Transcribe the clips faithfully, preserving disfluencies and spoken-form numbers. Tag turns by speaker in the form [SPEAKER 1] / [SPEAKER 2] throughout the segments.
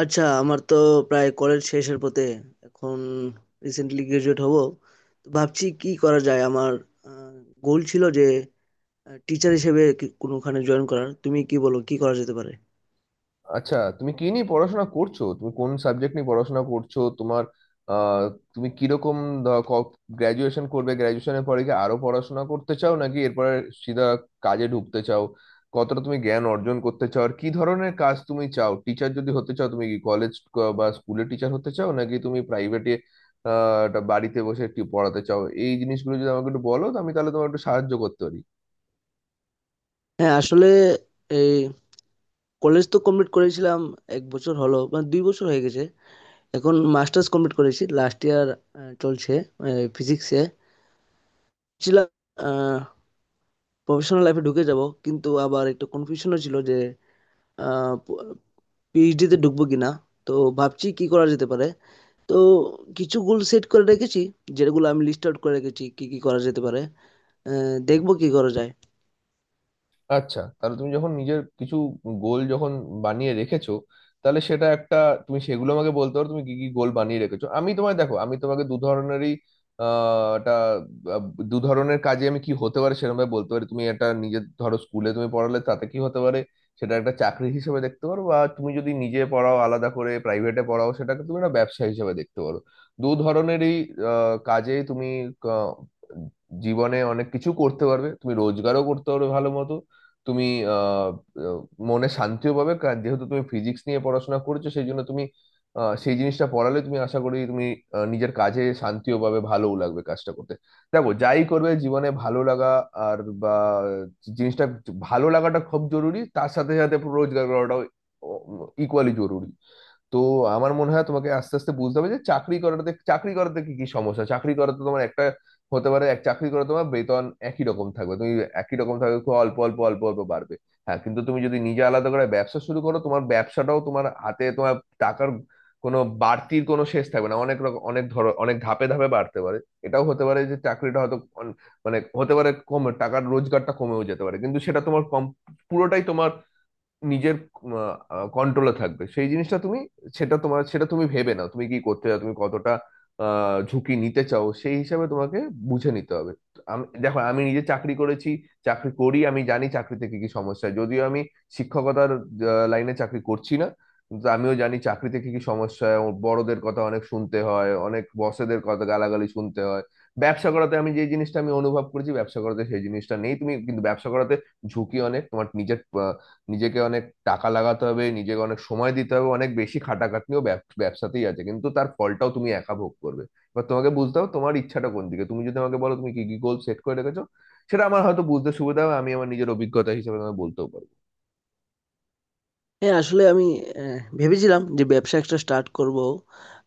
[SPEAKER 1] আচ্ছা, আমার তো প্রায় কলেজ শেষের পথে এখন। রিসেন্টলি গ্রাজুয়েট হব, তো ভাবছি কি করা যায়। আমার গোল ছিল যে টিচার হিসেবে কি- কোনোখানে জয়েন করার। তুমি কি বলো, কি করা যেতে পারে?
[SPEAKER 2] আচ্ছা, তুমি কি নিয়ে পড়াশোনা করছো? তুমি কোন সাবজেক্ট নিয়ে পড়াশোনা করছো তোমার? আহ তুমি কিরকম গ্রাজুয়েশন করবে? গ্রাজুয়েশনের পরে কি আরো পড়াশোনা করতে চাও নাকি এরপরে সিধা কাজে ঢুকতে চাও? কতটা তুমি জ্ঞান অর্জন করতে চাও আর কি ধরনের কাজ তুমি চাও? টিচার যদি হতে চাও তুমি কি কলেজ বা স্কুলের টিচার হতে চাও নাকি তুমি প্রাইভেটে আহ একটা বাড়িতে বসে একটু পড়াতে চাও? এই জিনিসগুলো যদি আমাকে একটু বলো, তো আমি তাহলে তোমাকে একটু সাহায্য করতে পারি।
[SPEAKER 1] হ্যাঁ, আসলে এই কলেজ তো কমপ্লিট করেছিলাম এক বছর হলো, মানে দুই বছর হয়ে গেছে। এখন মাস্টার্স কমপ্লিট করেছি, লাস্ট ইয়ার চলছে। ফিজিক্সে ছিলাম। প্রফেশনাল লাইফে ঢুকে যাব, কিন্তু আবার একটু কনফিউশনও ছিল যে পিএইচডি তে ঢুকবো কিনা। তো ভাবছি কি করা যেতে পারে। তো কিছু গোল সেট করে রেখেছি, যেগুলো আমি লিস্ট আউট করে রেখেছি, কি কি করা যেতে পারে। আহ, দেখবো কি করা যায়।
[SPEAKER 2] আচ্ছা, তাহলে তুমি যখন নিজের কিছু গোল যখন বানিয়ে রেখেছো তাহলে সেটা একটা, তুমি সেগুলো আমাকে বলতে পারো তুমি কি কি গোল বানিয়ে রেখেছো। আমি তোমায় দেখো, আমি তোমাকে দু ধরনেরই আহ একটা, আহ, দু ধরনের কাজে আমি কি হতে পারে সেরকম ভাবে বলতে পারি। তুমি একটা নিজের ধরো স্কুলে তুমি পড়ালে তাতে কি হতে পারে, সেটা একটা চাকরি হিসেবে দেখতে পারো, বা তুমি যদি নিজে পড়াও আলাদা করে, প্রাইভেটে পড়াও, সেটাকে তুমি একটা ব্যবসা হিসেবে দেখতে পারো। দু ধরনেরই আহ, কাজে তুমি আহ, জীবনে অনেক কিছু করতে পারবে, তুমি রোজগারও করতে পারবে ভালো মতো। তুমি আহ, আহ, মনে শান্তিও পাবে, কারণ যেহেতু তুমি ফিজিক্স নিয়ে পড়াশোনা করেছো সেই জন্য তুমি আহ, সেই জিনিসটা পড়ালে তুমি, আশা করি তুমি আহ, নিজের কাজে শান্তিও পাবে, ভালোও লাগবে কাজটা করতে। দেখো, যাই করবে জীবনে ভালো লাগা আর বা জিনিসটা, ভালো লাগাটা খুব জরুরি, তার সাথে সাথে রোজগার করাটাও ইকুয়ালি জরুরি। তো আমার মনে হয় তোমাকে আস্তে আস্তে বুঝতে হবে যে চাকরি করাতে, চাকরি করাতে কি কি সমস্যা। চাকরি করাতে তোমার একটা, হতে পারে এক চাকরি করে তোমার বেতন একই রকম থাকবে, তুমি একই রকম থাকবে খুব অল্প অল্প অল্প অল্প বাড়বে। হ্যাঁ, কিন্তু তুমি যদি নিজে আলাদা করে ব্যবসা শুরু করো, তোমার ব্যবসাটাও তোমার হাতে, তোমার টাকার কোনো বাড়তির কোনো শেষ থাকবে না, অনেক রকম, অনেক ধর, অনেক ধাপে ধাপে বাড়তে পারে। এটাও হতে পারে যে চাকরিটা হয়তো অন- মানে হতে পারে কমে, টাকার রোজগারটা কমেও যেতে পারে, কিন্তু সেটা তোমার কম, পুরোটাই তোমার নিজের কন্ট্রোলে থাকবে। সেই জিনিসটা তুমি, সেটা তোমার, সেটা তুমি ভেবে নাও তুমি কি করতে চাও, তুমি কতটা আহ, ঝুঁকি নিতে চাও সেই হিসাবে তোমাকে বুঝে নিতে হবে। আমি দেখো, আমি নিজে চাকরি করেছি, চাকরি করি, আমি জানি চাকরিতে কি কি সমস্যা। যদিও আমি শিক্ষকতার আহ, লাইনে চাকরি করছি না, কিন্তু আমিও জানি চাকরিতে কি কি সমস্যা। ও বড়দের কথা অনেক শুনতে হয়, অনেক বসেদের কথা, গালাগালি শুনতে হয়। ব্যবসা করাতে আমি যে জিনিসটা আমি অনুভব করেছি, ব্যবসা করাতে সেই জিনিসটা নেই, তুমি কিন্তু ব্যবসা করাতে ঝুঁকি অনেক তোমার নিজের আহ, নিজেকে অনেক টাকা লাগাতে হবে, নিজেকে অনেক সময় দিতে হবে, অনেক বেশি খাটাখাটনিও ব্যব- ব্যবসাতেই আছে, কিন্তু তার ফলটাও তুমি একা ভোগ করবে। এবার তোমাকে বুঝতে হবে তোমার ইচ্ছাটা কোন দিকে। তুমি যদি আমাকে বলো তুমি কি কি গোল সেট করে রেখেছো সেটা আমার হয়তো বুঝতে সুবিধা হবে, আমি আমার নিজের অভিজ্ঞতা হিসেবে তোমাকে বলতেও পারবো।
[SPEAKER 1] হ্যাঁ, আসলে আমি আহ, ভেবেছিলাম যে ব্যবসা একটা স্টার্ট করব,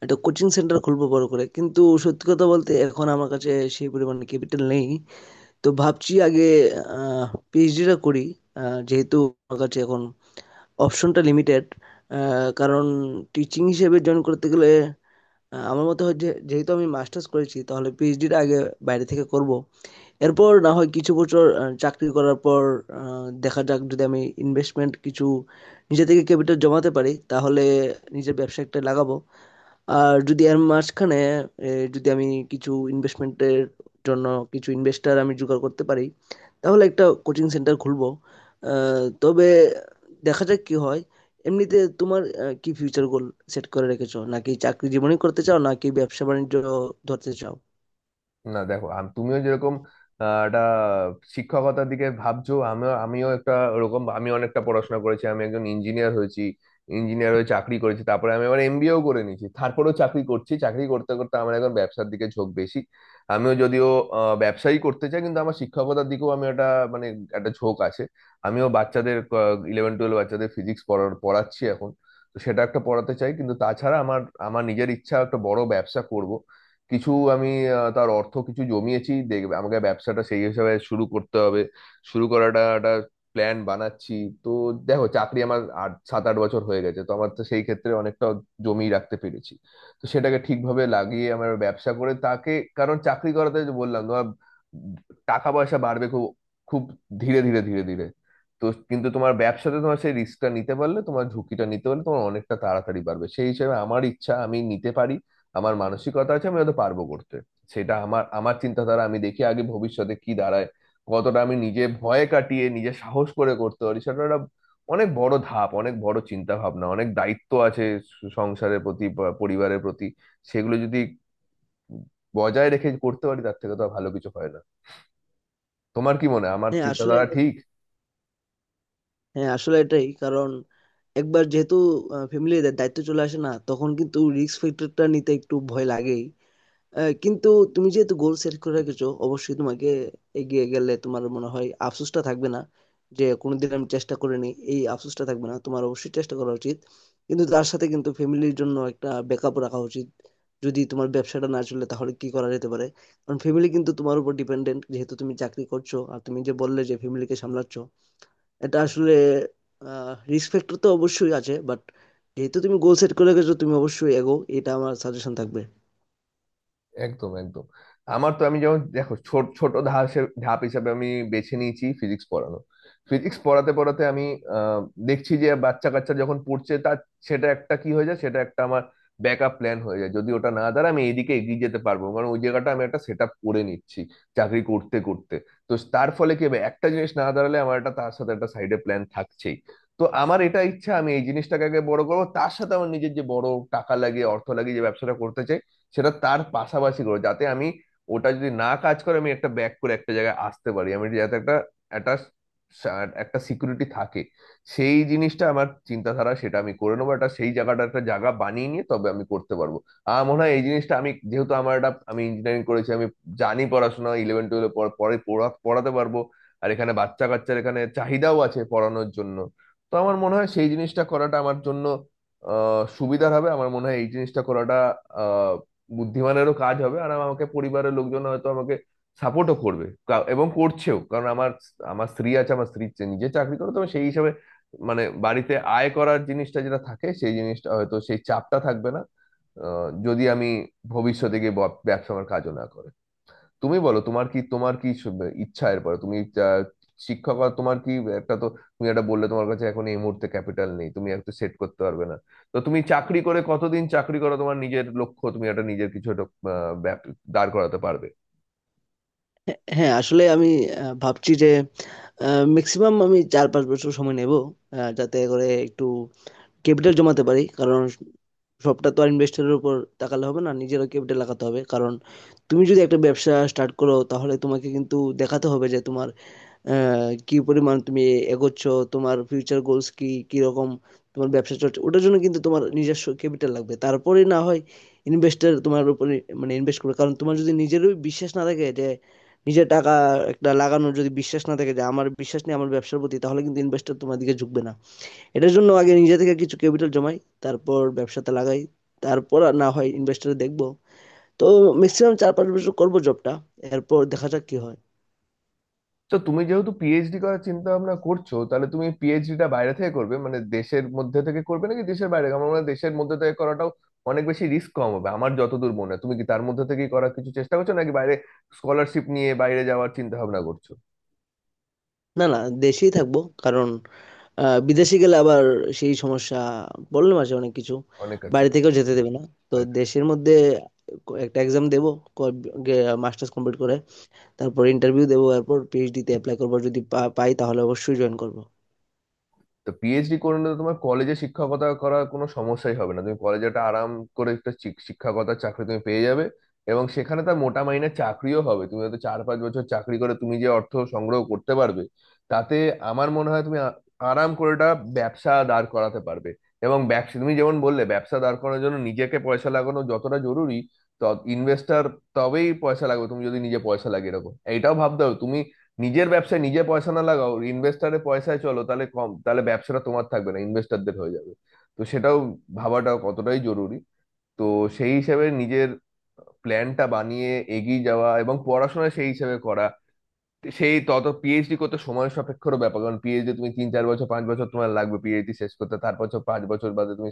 [SPEAKER 1] একটা কোচিং সেন্টার খুলবো বড় করে। কিন্তু সত্যি কথা বলতে এখন আমার কাছে সেই পরিমাণে ক্যাপিটাল নেই। তো ভাবছি আগে পিএইচডিটা করি। আহ, যেহেতু আমার কাছে এখন অপশনটা লিমিটেড, কারণ টিচিং হিসেবে জয়েন করতে গেলে আ আমার মতে হয় যে যেহেতু আমি মাস্টার্স করেছি, তাহলে পিএইচডিটা আগে বাইরে থেকে করব। এরপর না হয় কিছু বছর আ চাকরি করার পর আ দেখা যাক, যদি আমি ইনভেস্টমেন্ট কিছু নিজে থেকে ক্যাপিটাল জমাতে পারি, তাহলে নিজের ব্যবসা একটা লাগাবো। আর যদি এর মাঝখানে এ, যদি আমি কিছু ইনভেস্টমেন্টের জন্য কিছু ইনভেস্টর আমি জোগাড় করতে পারি, তাহলে একটা কোচিং সেন্টার খুলবো। আহ, তবে দেখা যাক কি হয়। এমনিতে তোমার আহ, কি ফিউচার গোল সেট করে রেখেছো? নাকি চাকরি জীবনই করতে চাও, নাকি ব্যবসা বাণিজ্য ধরতে চাও?
[SPEAKER 2] না দেখো, আম- তুমিও যেরকম আহ, একটা শিক্ষকতার দিকে ভাবছো, আমিও আমিও একটা ওরকম, আমি অনেকটা পড়াশোনা করেছি, আমি একজন ইঞ্জিনিয়ার হয়েছি। ইঞ্জিনিয়ার হয়ে চাকরি করেছি, তারপরে আমি আবার এমবিএও করে নিয়েছি, তারপরেও চাকরি করছি। চাকরি করতে করতে আমার এখন ব্যবসার দিকে ঝোঁক বেশি। আমিও যদিও আহ, ব্যবসায়ী করতে চাই, কিন্তু আমার শিক্ষকতার দিকেও আমি একটা, মানে একটা ঝোঁক আছে। আমিও বাচ্চাদের, ইলেভেন টুয়েলভ বাচ্চাদের ফিজিক্স পড়াচ্ছি এখন, তো সেটা একটা পড়াতে চাই। কিন্তু তাছাড়া আমার, আমার নিজের ইচ্ছা একটা বড় ব্যবসা করব। কিছু আমি আহ, তার অর্থ কিছু জমিয়েছি, দেখবে আমাকে ব্যবসাটা সেই হিসাবে শুরু করতে হবে। শুরু করাটা একটা প্ল্যান বানাচ্ছি। তো দেখো, চাকরি আমার আট, সাত আট বছর হয়ে গেছে, তো আমার তো সেই ক্ষেত্রে অনেকটা জমি রাখতে পেরেছি। তো সেটাকে ঠিকভাবে লাগিয়ে আমার ব্যবসা করে তাকে, কারণ চাকরি করাতে যে বললাম তোমার টাকা পয়সা বাড়বে খুব খুব ধীরে ধীরে ধীরে ধীরে। তো কিন্তু তোমার ব্যবসাতে তোমার সেই রিস্কটা নিতে পারলে, তোমার ঝুঁকিটা নিতে পারলে, তোমার অনেকটা তাড়াতাড়ি বাড়বে। সেই হিসেবে আমার ইচ্ছা আমি নিতে পারি, আমার মানসিকতা আছে, আমি হয়তো পারবো করতে। সেটা আমার, আমার চিন্তাধারা, আমি দেখি আগে ভবিষ্যতে কি দাঁড়ায়, কতটা আমি নিজে ভয় কাটিয়ে নিজে সাহস করে করতে পারি। সেটা একটা অনেক বড় ধাপ, অনেক বড় চিন্তা ভাবনা, অনেক দায়িত্ব আছে সংসারের প্রতি বা পরিবারের প্রতি। সেগুলো যদি বজায় রেখে করতে পারি তার থেকে তো আর ভালো কিছু হয় না। তোমার কি মনে হয় আমার
[SPEAKER 1] হ্যাঁ আসলে
[SPEAKER 2] চিন্তাধারা
[SPEAKER 1] এটা-
[SPEAKER 2] ঠিক?
[SPEAKER 1] হ্যাঁ, আসলে এটাই কারণ। একবার যেহেতু ফ্যামিলির দায়িত্ব চলে আসে না, তখন কিন্তু রিস্ক ফ্যাক্টরটা নিতে একটু ভয় লাগেই। আহ, কিন্তু তুমি যেহেতু গোল সেট করে রেখেছো, অবশ্যই তোমাকে এগিয়ে গেলে তোমার মনে হয় আফসোসটা থাকবে না, যে কোনোদিন আমি চেষ্টা করিনি এই আফসোসটা থাকবে না। তোমার অবশ্যই চেষ্টা করা উচিত, কিন্তু তার সাথে কিন্তু ফ্যামিলির জন্য একটা ব্যাকআপ রাখা উচিত। যদি তোমার ব্যবসাটা না চলে, তাহলে কি করা যেতে পারে? কারণ ফ্যামিলি কিন্তু তোমার উপর ডিপেন্ডেন্ট, যেহেতু তুমি চাকরি করছো আর তুমি যে বললে যে ফ্যামিলিকে সামলাচ্ছ। এটা আসলে রিস্ক ফ্যাক্টর তো অবশ্যই আছে, বাট যেহেতু তুমি গোল সেট করে গেছো, তুমি অবশ্যই এগো, এটা আমার সাজেশন থাকবে।
[SPEAKER 2] একদম একদম। আমার তো, আমি যেমন দেখো ছোট ছোট ধাপের ধাপ হিসাবে আমি বেছে নিয়েছি ফিজিক্স পড়ানো। ফিজিক্স পড়াতে পড়াতে আমি আহ, দেখছি যে বাচ্চা কাচ্চা যখন পড়ছে তার, সেটা একটা কি হয়ে যায়, সেটা একটা আমার ব্যাকআপ প্ল্যান হয়ে যায়। যদি ওটা না দাঁড়ায় আমি এইদিকে এগিয়ে যেতে পারবো, কারণ ওই জায়গাটা আমি একটা সেট আপ করে নিচ্ছি চাকরি করতে করতে। তো তার ফলে কি হবে, একটা জিনিস না দাঁড়ালে আমার একটা তার সাথে একটা সাইডে প্ল্যান থাকছেই। তো আমার এটা ইচ্ছা আমি এই জিনিসটাকে আগে বড় করবো, তার সাথে আমার নিজের যে বড় টাকা লাগিয়ে অর্থ লাগিয়ে যে ব্যবসাটা করতে চাই সেটা তার পাশাপাশি করে, যাতে আমি ওটা যদি না কাজ করে আমি একটা ব্যাক করে একটা জায়গায় আসতে পারি, আমি যাতে একটা একটা সা- একটা সিকিউরিটি থাকে। সেই জিনিসটা আমার চিন্তাধারা, সেটা আমি করে নেবো একটা, সেই জায়গাটা একটা জায়গা বানিয়ে নিয়ে তবে আমি করতে পারবো। আমার মনে হয় এই জিনিসটা, আমি যেহেতু আমার একটা, আমি ইঞ্জিনিয়ারিং করেছি, আমি জানি পড়াশোনা, ইলেভেন টুয়েলভ পরে পড়া- পড়াতে পারবো। আর এখানে বাচ্চা কাচ্চার এখানে চাহিদাও আছে পড়ানোর জন্য। তো আমার মনে হয় সেই জিনিসটা করাটা আমার জন্য আহ সুবিধার হবে। আমার মনে হয় এই জিনিসটা করাটা বুদ্ধিমানেরও কাজ হবে, আর আমাকে পরিবারের লোকজন হয়তো আমাকে সাপোর্টও করবে, কা- এবং করছেও, কারণ আমার, আমার স্ত্রী আছে, আমার স্ত্রী চে- নিজে চাকরি করে, তবে সেই হিসাবে মানে বাড়িতে আয় করার জিনিসটা যেটা থাকে সেই জিনিসটা, হয়তো সেই চাপটা থাকবে না আহ, যদি আমি ভবিষ্যতে গিয়ে ব- ব্যবসা আমার কাজও না করে। তুমি বলো তোমার কি, তোমার কি স- ইচ্ছা এরপরে তুমি আহ, শিক্ষক, আর তোমার কি একটা তো, তুমি একটা বললে তোমার কাছে এখন এই মুহূর্তে ক্যাপিটাল নেই, তুমি একটা সেট করতে পারবে না। তো তুমি চাকরি করে কতদিন চাকরি করো তোমার নিজের লক্ষ্য, তুমি একটা নিজের কিছু একটা আহ, ব্যাপ- দাঁড় করাতে পারবে?
[SPEAKER 1] হ্যাঁ হ্যাঁ, আসলে আমি আহ, ভাবছি যে ম্যাক্সিমাম আমি চার পাঁচ বছর সময় নেব, আহ, যাতে করে একটু ক্যাপিটাল জমাতে পারি। কারণ সবটা তো আর ইনভেস্টরের উপর তাকালে হবে না, নিজেরও ক্যাপিটাল লাগাতে হবে। কারণ তুমি যদি একটা ব্যবসা স্টার্ট করো, তাহলে তোমাকে কিন্তু দেখাতে হবে যে তোমার আহ, কি পরিমাণ তুমি এগোচ্ছ, তোমার ফিউচার গোলস কি, কি রকম তোমার ব্যবসা চলছে। ওটার জন্য কিন্তু তোমার নিজস্ব ক্যাপিটাল লাগবে, তারপরে না হয় ইনভেস্টার তোমার উপরে মানে ইনভেস্ট করবে। কারণ তোমার যদি নিজেরই বিশ্বাস না থাকে যে নিজের টাকা একটা লাগানোর, যদি বিশ্বাস না থাকে যে আমার বিশ্বাস নেই আমার ব্যবসার প্রতি, তাহলে কিন্তু ইনভেস্টর তোমার দিকে ঝুঁকবে না। এটার জন্য আগে নিজে থেকে কিছু ক্যাপিটাল জমাই, তারপর ব্যবসাতে লাগাই, তারপর আর না হয় ইনভেস্টর দেখবো। তো ম্যাক্সিমাম চার পাঁচ বছর করবো জবটা, এরপর দেখা যাক কি হয়।
[SPEAKER 2] তো তুমি যেহেতু পিএইচডি করার চিন্তা ভাবনা করছো তাহলে তুমি পিএইচডিটা বাইরে থেকে করবে মানে দেশের মধ্যে থেকে করবে নাকি দেশের বাইরে? আমার মনে হয় দেশের মধ্যে থেকে করাটাও অনেক বেশি রিস্ক কম হবে আমার যতদূর মনে হয়। তুমি কি তার মধ্যে থেকেই করার কিছু চেষ্টা করছো নাকি বাইরে স্কলারশিপ নিয়ে বাইরে যাওয়ার চিন্তা ভাবনা করছো?
[SPEAKER 1] না না, দেশেই থাকবো। কারণ আহ, বিদেশে গেলে আবার সেই সমস্যা, বললাম আছে অনেক কিছু।
[SPEAKER 2] অনেক আছে
[SPEAKER 1] বাইরে থেকেও যেতে দেবে না। তো
[SPEAKER 2] বাড়িতে।
[SPEAKER 1] দেশের মধ্যে ক- একটা এক্সাম দেবো মাস্টার্স কমপ্লিট করে, তারপর ইন্টারভিউ দেবো, তারপর পিএইচডি তে অ্যাপ্লাই করবো। যদি পা- পাই, তাহলে অবশ্যই জয়েন করবো।
[SPEAKER 2] তো পিএইচডি করে নিলে তোমার কলেজে শিক্ষকতা করার কোনো সমস্যাই হবে না, তুমি কলেজে একটা আরাম করে একটা শিক- শিক্ষকতার চাকরি তুমি পেয়ে যাবে, এবং সেখানে তার মোটা মাইনের চাকরিও হবে। তুমি হয়তো চার পাঁচ বছর চাকরি করে তুমি যে অর্থ সংগ্রহ করতে পারবে তাতে আমার মনে হয় তুমি আ- আরাম করে একটা ব্যবসা দাঁড় করাতে পারবে। এবং ব্যবসা তুমি যেমন বললে, ব্যবসা দাঁড় করানোর জন্য নিজেকে পয়সা লাগানো যতটা জরুরি তত ইনভেস্টার তবেই পয়সা লাগবে। তুমি যদি নিজে পয়সা লাগে এরকম এইটাও ভাবতে হবে, তুমি নিজের ব্যবসায় নিজে পয়সা না লাগাও ইনভেস্টারের পয়সায় চলো তাহলে কম, তাহলে ব্যবসাটা তোমার থাকবে না, ইনভেস্টারদের হয়ে যাবে। তো সেটাও ভাবাটাও কতটাই জরুরি। তো সেই হিসাবে নিজের প্ল্যানটা বানিয়ে এগিয়ে যাওয়া এবং পড়াশোনা সেই হিসাবে করা। সেই তত পিএইচডি করতে সময় সাপেক্ষর ব্যাপার, কারণ পিএইচডি তুমি তিন চার বছর পাঁচ বছর তোমার লাগবে পিএইচডি শেষ করতে, তারপর হচ্ছে পাঁচ বছর বাদে তুমি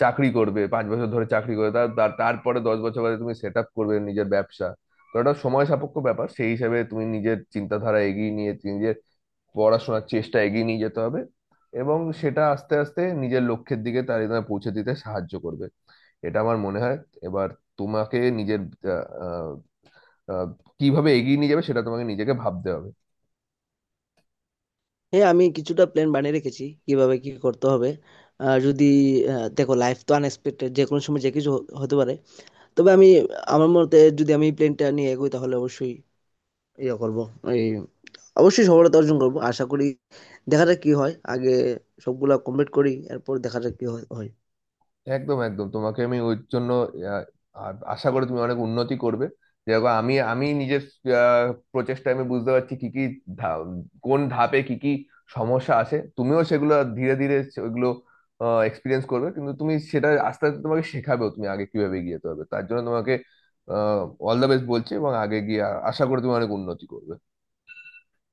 [SPEAKER 2] চাকরি করবে, পাঁচ বছর ধরে চাকরি করবে, তার তার- তারপরে দশ বছর বাদে তুমি সেট আপ করবে নিজের ব্যবসা। তো এটা সময় সাপেক্ষ ব্যাপার, সেই হিসাবে তুমি নিজের চিন্তাধারা এগিয়ে নিয়ে, নিজের পড়াশোনার চেষ্টা এগিয়ে নিয়ে যেতে হবে, এবং সেটা আস্তে আস্তে নিজের লক্ষ্যের দিকে তার তোমায় পৌঁছে দিতে সাহায্য করবে। এটা আমার মনে হয়। এবার তোমাকে নিজের আহ, আহ, আহ, কিভাবে এগিয়ে নিয়ে যাবে সেটা তোমাকে নিজেকে ভাবতে হবে।
[SPEAKER 1] হ্যাঁ, আমি কিছুটা প্ল্যান বানিয়ে রেখেছি কিভাবে কি করতে হবে। আহ, যদি আহ, দেখো লাইফ তো আনএক্সপেক্টেড, যে কোনো সময় যে কিছু হ- হতে পারে। তবে আমি, আমার মতে যদি আমি প্ল্যানটা নিয়ে এগোই, তাহলে অবশ্যই ইয়ে করব, এই অবশ্যই সফলতা অর্জন করব আশা করি। দেখা যাক কি হয়। আগে সবগুলা কমপ্লিট করি, এরপর দেখা যাক কি হয় হয়।
[SPEAKER 2] একদম একদম। তোমাকে আমি ওই জন্য আহ, আ- আশা করি তুমি অনেক উন্নতি করবে। যেরকম আমি, আমি নিজের আহ, প্রচেষ্টায় আমি বুঝতে পারছি কি কি ধা- কোন ধাপে কি কি সমস্যা আছে, তুমিও সেগুলো ধীরে ধীরে ওইগুলো এক্সপিরিয়েন্স করবে। কিন্তু তুমি সেটা আস্তে আস্তে তোমাকে শেখাবেও তুমি আগে কিভাবে এগিয়ে যেতে হবে, তার জন্য তোমাকে অল দ্য বেস্ট বলছি, এবং আগে গিয়ে আ- আশা করি তুমি অনেক উন্নতি করবে।